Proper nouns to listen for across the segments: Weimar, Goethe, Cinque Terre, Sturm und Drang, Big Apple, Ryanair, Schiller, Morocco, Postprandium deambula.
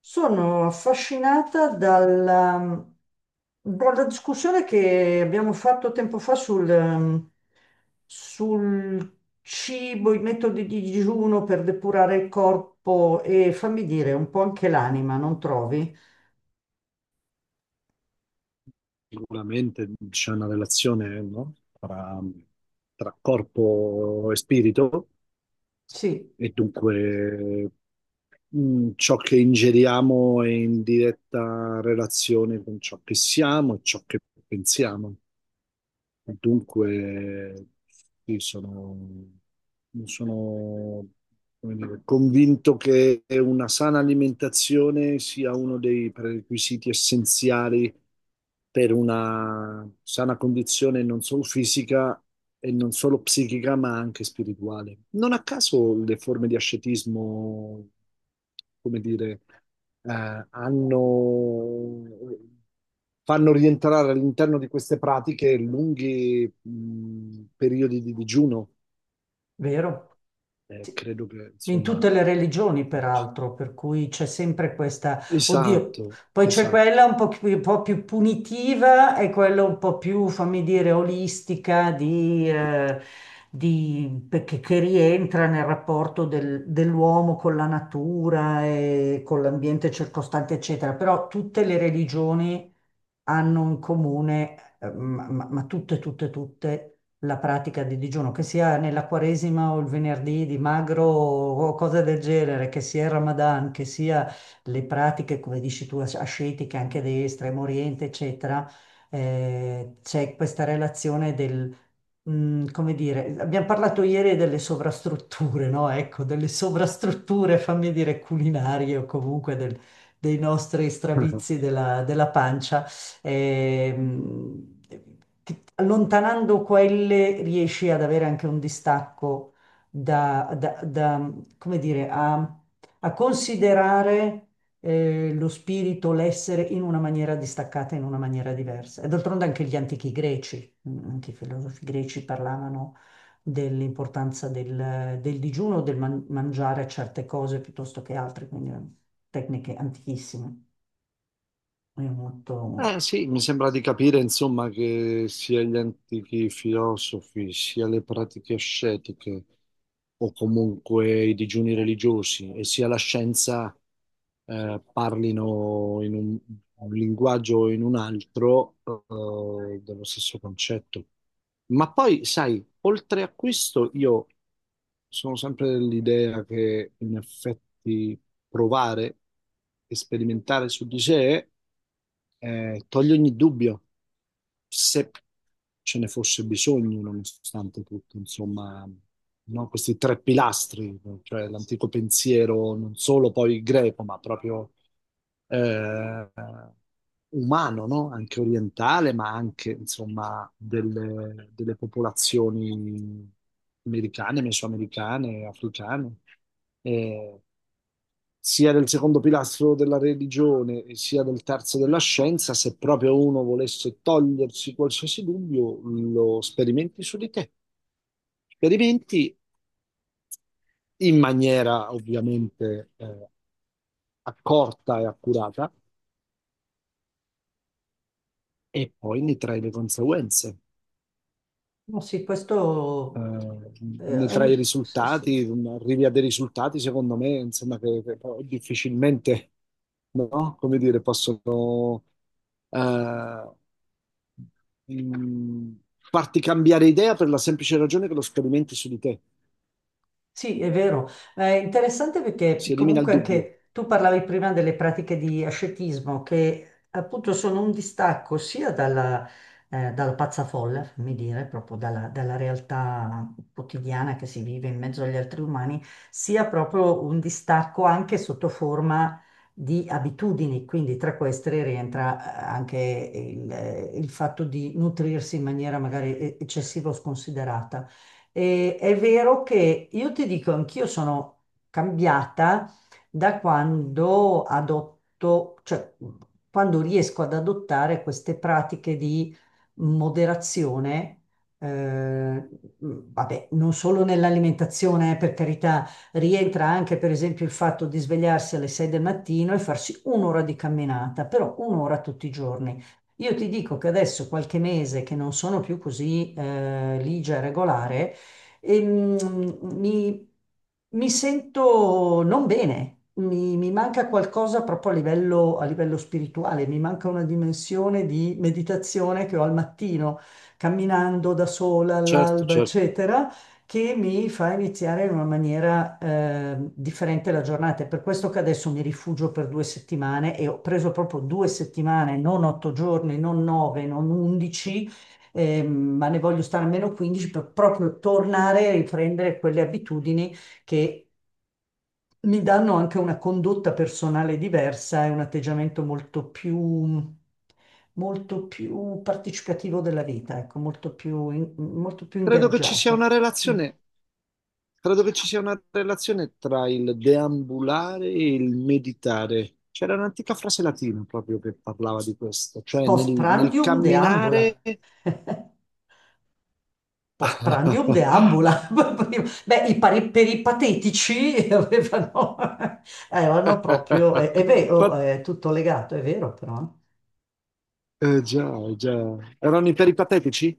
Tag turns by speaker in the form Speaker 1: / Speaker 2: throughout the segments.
Speaker 1: Sono affascinata dalla discussione che abbiamo fatto tempo fa sul cibo, i metodi di digiuno per depurare il corpo e fammi dire un po' anche l'anima, non trovi?
Speaker 2: Sicuramente c'è una relazione, no? Tra corpo e spirito,
Speaker 1: Sì.
Speaker 2: e dunque ciò che ingeriamo è in diretta relazione con ciò che siamo e ciò che pensiamo. Dunque, sì, sono, come dire, convinto che una sana alimentazione sia uno dei prerequisiti essenziali per una sana condizione non solo fisica e non solo psichica, ma anche spirituale. Non a caso le forme di ascetismo, come dire, eh, hanno, fanno rientrare all'interno di queste pratiche lunghi, periodi di digiuno.
Speaker 1: Vero? Sì.
Speaker 2: Credo che,
Speaker 1: In
Speaker 2: insomma,
Speaker 1: tutte le religioni, peraltro, per cui c'è sempre questa, oddio,
Speaker 2: esatto,
Speaker 1: poi c'è
Speaker 2: esatto.
Speaker 1: quella un po' più punitiva e quella un po' più, fammi dire, olistica che rientra nel rapporto dell'uomo con la natura e con l'ambiente circostante, eccetera. Però tutte le religioni hanno in comune, ma tutte, tutte, tutte la pratica di digiuno, che sia nella Quaresima o il venerdì di magro o cose del genere, che sia il Ramadan, che sia le pratiche, come dici tu, ascetiche anche dell'Estremo Oriente, eccetera, c'è questa relazione come dire, abbiamo parlato ieri delle sovrastrutture, no? Ecco, delle sovrastrutture, fammi dire, culinarie o comunque dei nostri stravizi della pancia. Ehm, Allontanando quelle riesci ad avere anche un distacco da, come dire, a considerare lo spirito, l'essere in una maniera distaccata, in una maniera diversa. E d'altronde anche gli antichi greci, anche i filosofi greci parlavano dell'importanza del digiuno, del mangiare certe cose piuttosto che altre, quindi tecniche antichissime. È molto.
Speaker 2: Eh sì, mi sembra di capire, insomma, che sia gli antichi filosofi, sia le pratiche ascetiche o comunque i digiuni religiosi e sia la scienza parlino in un linguaggio o in un altro, dello stesso concetto. Ma poi, sai, oltre a questo, io sono sempre dell'idea che, in effetti, provare e sperimentare su di sé. Toglie ogni dubbio, se ce ne fosse bisogno, nonostante tutto, insomma, no? Questi tre pilastri, cioè l'antico pensiero non solo poi greco, ma proprio, eh, umano, no? Anche orientale, ma anche, insomma, delle, delle popolazioni americane, mesoamericane, africane. Eh, Sia del secondo pilastro della religione e sia del terzo della scienza, se proprio uno volesse togliersi qualsiasi dubbio, lo sperimenti su di te. Sperimenti in maniera ovviamente, accorta e accurata, e poi ne trai le conseguenze.
Speaker 1: No, sì, questo.
Speaker 2: eh, Ne trai i
Speaker 1: Sì, sì.
Speaker 2: risultati, arrivi a dei risultati, secondo me, insomma, che poi difficilmente, no? Come dire, possono eh, mh, farti cambiare idea, per la semplice ragione che lo sperimenti su di te.
Speaker 1: Sì, è vero. È interessante perché
Speaker 2: Si elimina il
Speaker 1: comunque
Speaker 2: dubbio.
Speaker 1: anche tu parlavi prima delle pratiche di ascetismo che appunto sono un distacco sia dalla pazza folla, fammi dire, proprio dalla realtà quotidiana che si vive in mezzo agli altri umani, sia proprio un distacco anche sotto forma di abitudini. Quindi tra queste rientra anche il fatto di nutrirsi in maniera magari eccessiva o sconsiderata. E è vero che io ti dico, anch'io sono cambiata da quando adotto, cioè quando riesco ad adottare queste pratiche di moderazione, eh, vabbè, non solo nell'alimentazione, per carità, rientra anche per esempio il fatto di svegliarsi alle 6 del mattino e farsi un'ora di camminata, però un'ora tutti i giorni. Io ti dico che adesso qualche mese che non sono più così ligia e regolare, e, mm, mi, mi sento non bene, mi manca qualcosa proprio a livello spirituale, mi manca una dimensione di meditazione che ho al mattino, camminando da sola
Speaker 2: Certo,
Speaker 1: all'alba,
Speaker 2: certo.
Speaker 1: eccetera, che mi fa iniziare in una maniera differente la giornata. È per questo che adesso mi rifugio per 2 settimane e ho preso proprio 2 settimane, non 8 giorni, non nove, non 11, ma ne voglio stare almeno 15 per proprio tornare a riprendere quelle abitudini che mi danno anche una condotta personale diversa e un atteggiamento molto più partecipativo della vita, ecco, molto più
Speaker 2: Credo che ci sia una
Speaker 1: ingaggiato.
Speaker 2: relazione. Credo che ci sia una relazione tra il deambulare e il meditare. C'era un'antica frase latina proprio che parlava di questo, cioè nel, nel
Speaker 1: Postprandium deambula.
Speaker 2: camminare...
Speaker 1: Postprandium deambula. Beh, per i patetici avevano proprio, è vero,
Speaker 2: Fa-
Speaker 1: è tutto legato, è vero però.
Speaker 2: già, già. Erano i peripatetici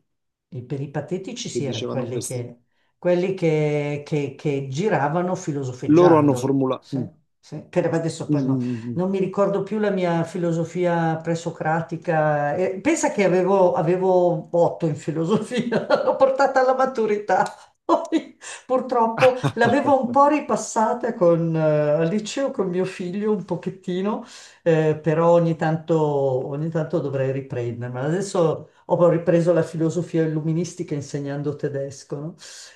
Speaker 1: E per i patetici
Speaker 2: che
Speaker 1: si erano
Speaker 2: dicevano
Speaker 1: quelli
Speaker 2: questo?
Speaker 1: che, quelli che giravano
Speaker 2: Loro hanno
Speaker 1: filosofeggiando.
Speaker 2: formulato...
Speaker 1: Sì, sì. Che adesso poi no- non mi ricordo più la mia filosofia presocratica. Pensa che avevo 8 in filosofia, l'ho portata alla maturità. Poi, purtroppo l'avevo un po' ripassata al liceo con mio figlio un pochettino, però ogni tanto dovrei riprendermela. Adesso ho ripreso la filosofia illuministica insegnando tedesco, no?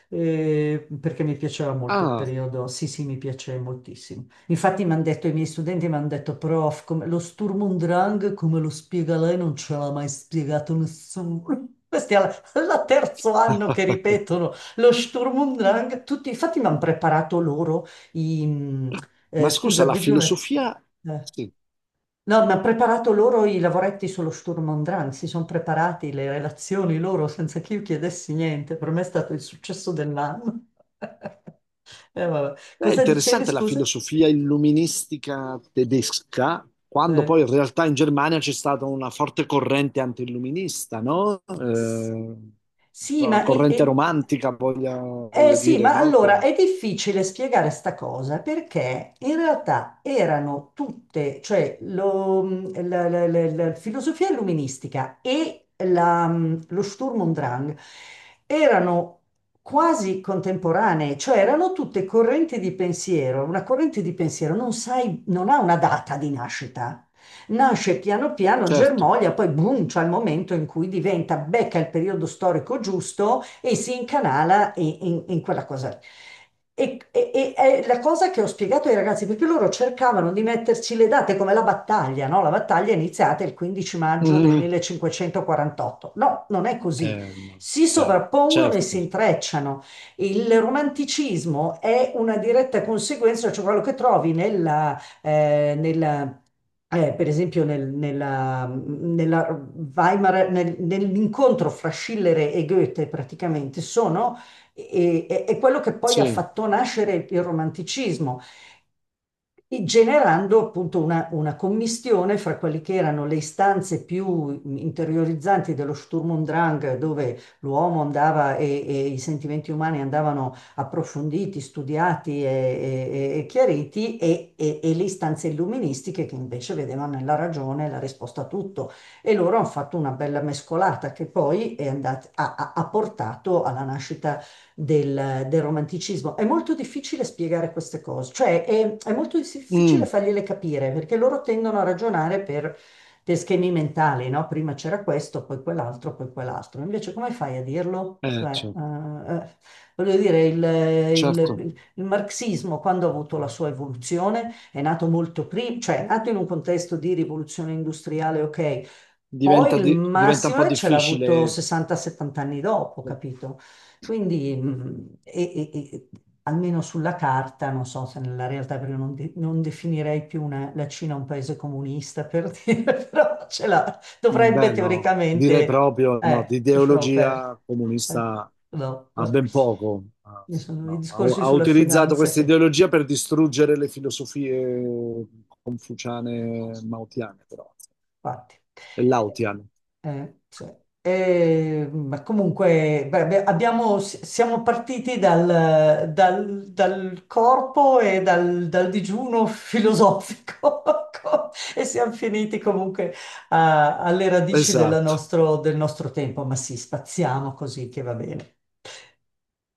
Speaker 1: Perché mi piaceva molto il
Speaker 2: Ah,
Speaker 1: periodo, sì, sì, mi piace moltissimo. Infatti mi hanno detto, i miei studenti mi hanno detto, prof, lo Sturm und Drang, come lo spiega lei, non ce l'ha mai spiegato nessuno. Questi al terzo anno che ripetono lo Sturm und Drang, tutti, infatti mi hanno preparato loro i... mm,
Speaker 2: ma scusa,
Speaker 1: Scusa,
Speaker 2: la
Speaker 1: devi un attimo.
Speaker 2: filosofia... Sì.
Speaker 1: No, ma ha preparato loro i lavoretti sullo Sturm und Drang, si sono preparati le relazioni loro senza che io chiedessi niente. Per me è stato il successo dell'anno. Vabbè.
Speaker 2: È
Speaker 1: Cosa dicevi,
Speaker 2: interessante la
Speaker 1: scusa?
Speaker 2: filosofia illuministica tedesca, quando
Speaker 1: Eh.
Speaker 2: poi in realtà in Germania c'è stata una forte corrente anti-illuminista, no?
Speaker 1: S- Sì,
Speaker 2: La
Speaker 1: ma,
Speaker 2: corrente romantica, voglio
Speaker 1: sì,
Speaker 2: dire,
Speaker 1: ma
Speaker 2: no?
Speaker 1: allora è difficile spiegare sta cosa perché in realtà erano tutte, cioè la filosofia illuministica e lo Sturm und Drang erano quasi contemporanee, cioè erano tutte correnti di pensiero. Una corrente di pensiero non sai, non ha una data di nascita, nasce piano piano
Speaker 2: Certo.
Speaker 1: germoglia, poi boom, c'è il momento in cui diventa, becca il periodo storico giusto e si incanala in, in quella cosa lì. E è la cosa che ho spiegato ai ragazzi, perché loro cercavano di metterci le date come la battaglia, no? La battaglia è iniziata il 15 maggio del
Speaker 2: Mm.
Speaker 1: 1548. No, non è così.
Speaker 2: No,
Speaker 1: Si
Speaker 2: chiaro.
Speaker 1: sovrappongono e si
Speaker 2: Certo,
Speaker 1: intrecciano. Il romanticismo è una diretta conseguenza, cioè quello che trovi per esempio nella Weimar, nell'incontro fra Schiller e Goethe praticamente sono, è quello che poi ha
Speaker 2: sì.
Speaker 1: fatto nascere il romanticismo e generando appunto una commistione fra quelle che erano le istanze più interiorizzanti dello Sturm und Drang, dove l'uomo andava e i sentimenti umani andavano approfonditi, studiati e chiariti, e le istanze illuministiche che invece vedevano nella ragione la risposta a tutto. E loro hanno fatto una bella mescolata che poi è andat- ha ha- ha portato alla nascita del romanticismo. È molto difficile spiegare queste cose, cioè è molto difficile
Speaker 2: Mm.
Speaker 1: fargliele capire perché loro tendono a ragionare per schemi mentali, no? Prima c'era questo, poi quell'altro, poi quell'altro. Invece come fai a dirlo? Cioè,
Speaker 2: Certo.
Speaker 1: voglio dire, il,
Speaker 2: Certo.
Speaker 1: il- il marxismo quando ha avuto la sua evoluzione è nato molto prima, cioè è nato in un contesto di rivoluzione industriale, ok, poi il
Speaker 2: Diventa un po'
Speaker 1: massimo ce l'ha avuto
Speaker 2: difficile.
Speaker 1: 60-70 anni dopo, capito? Quindi, almeno sulla carta, non so se nella realtà, perché non definirei più la Cina un paese comunista, per dire, però ce l'ha, dovrebbe
Speaker 2: Beh, no, direi
Speaker 1: teoricamente,
Speaker 2: proprio no, di
Speaker 1: lasciamo perdere,
Speaker 2: ideologia
Speaker 1: eh,
Speaker 2: comunista
Speaker 1: no.
Speaker 2: ha ben poco. Ah,
Speaker 1: Ci sono i
Speaker 2: no. Ha,
Speaker 1: discorsi
Speaker 2: ha
Speaker 1: sulla
Speaker 2: utilizzato
Speaker 1: finanza
Speaker 2: questa
Speaker 1: che.
Speaker 2: ideologia per distruggere le filosofie confuciane, maotiane, però,
Speaker 1: Infatti.
Speaker 2: e
Speaker 1: Eh,
Speaker 2: laotiane.
Speaker 1: cioè, ma comunque beh, beh, siamo partiti dal corpo e dal digiuno filosofico e siamo finiti comunque alle radici della
Speaker 2: Esatto.
Speaker 1: nostro- del nostro tempo, ma sì, spaziamo così che va bene.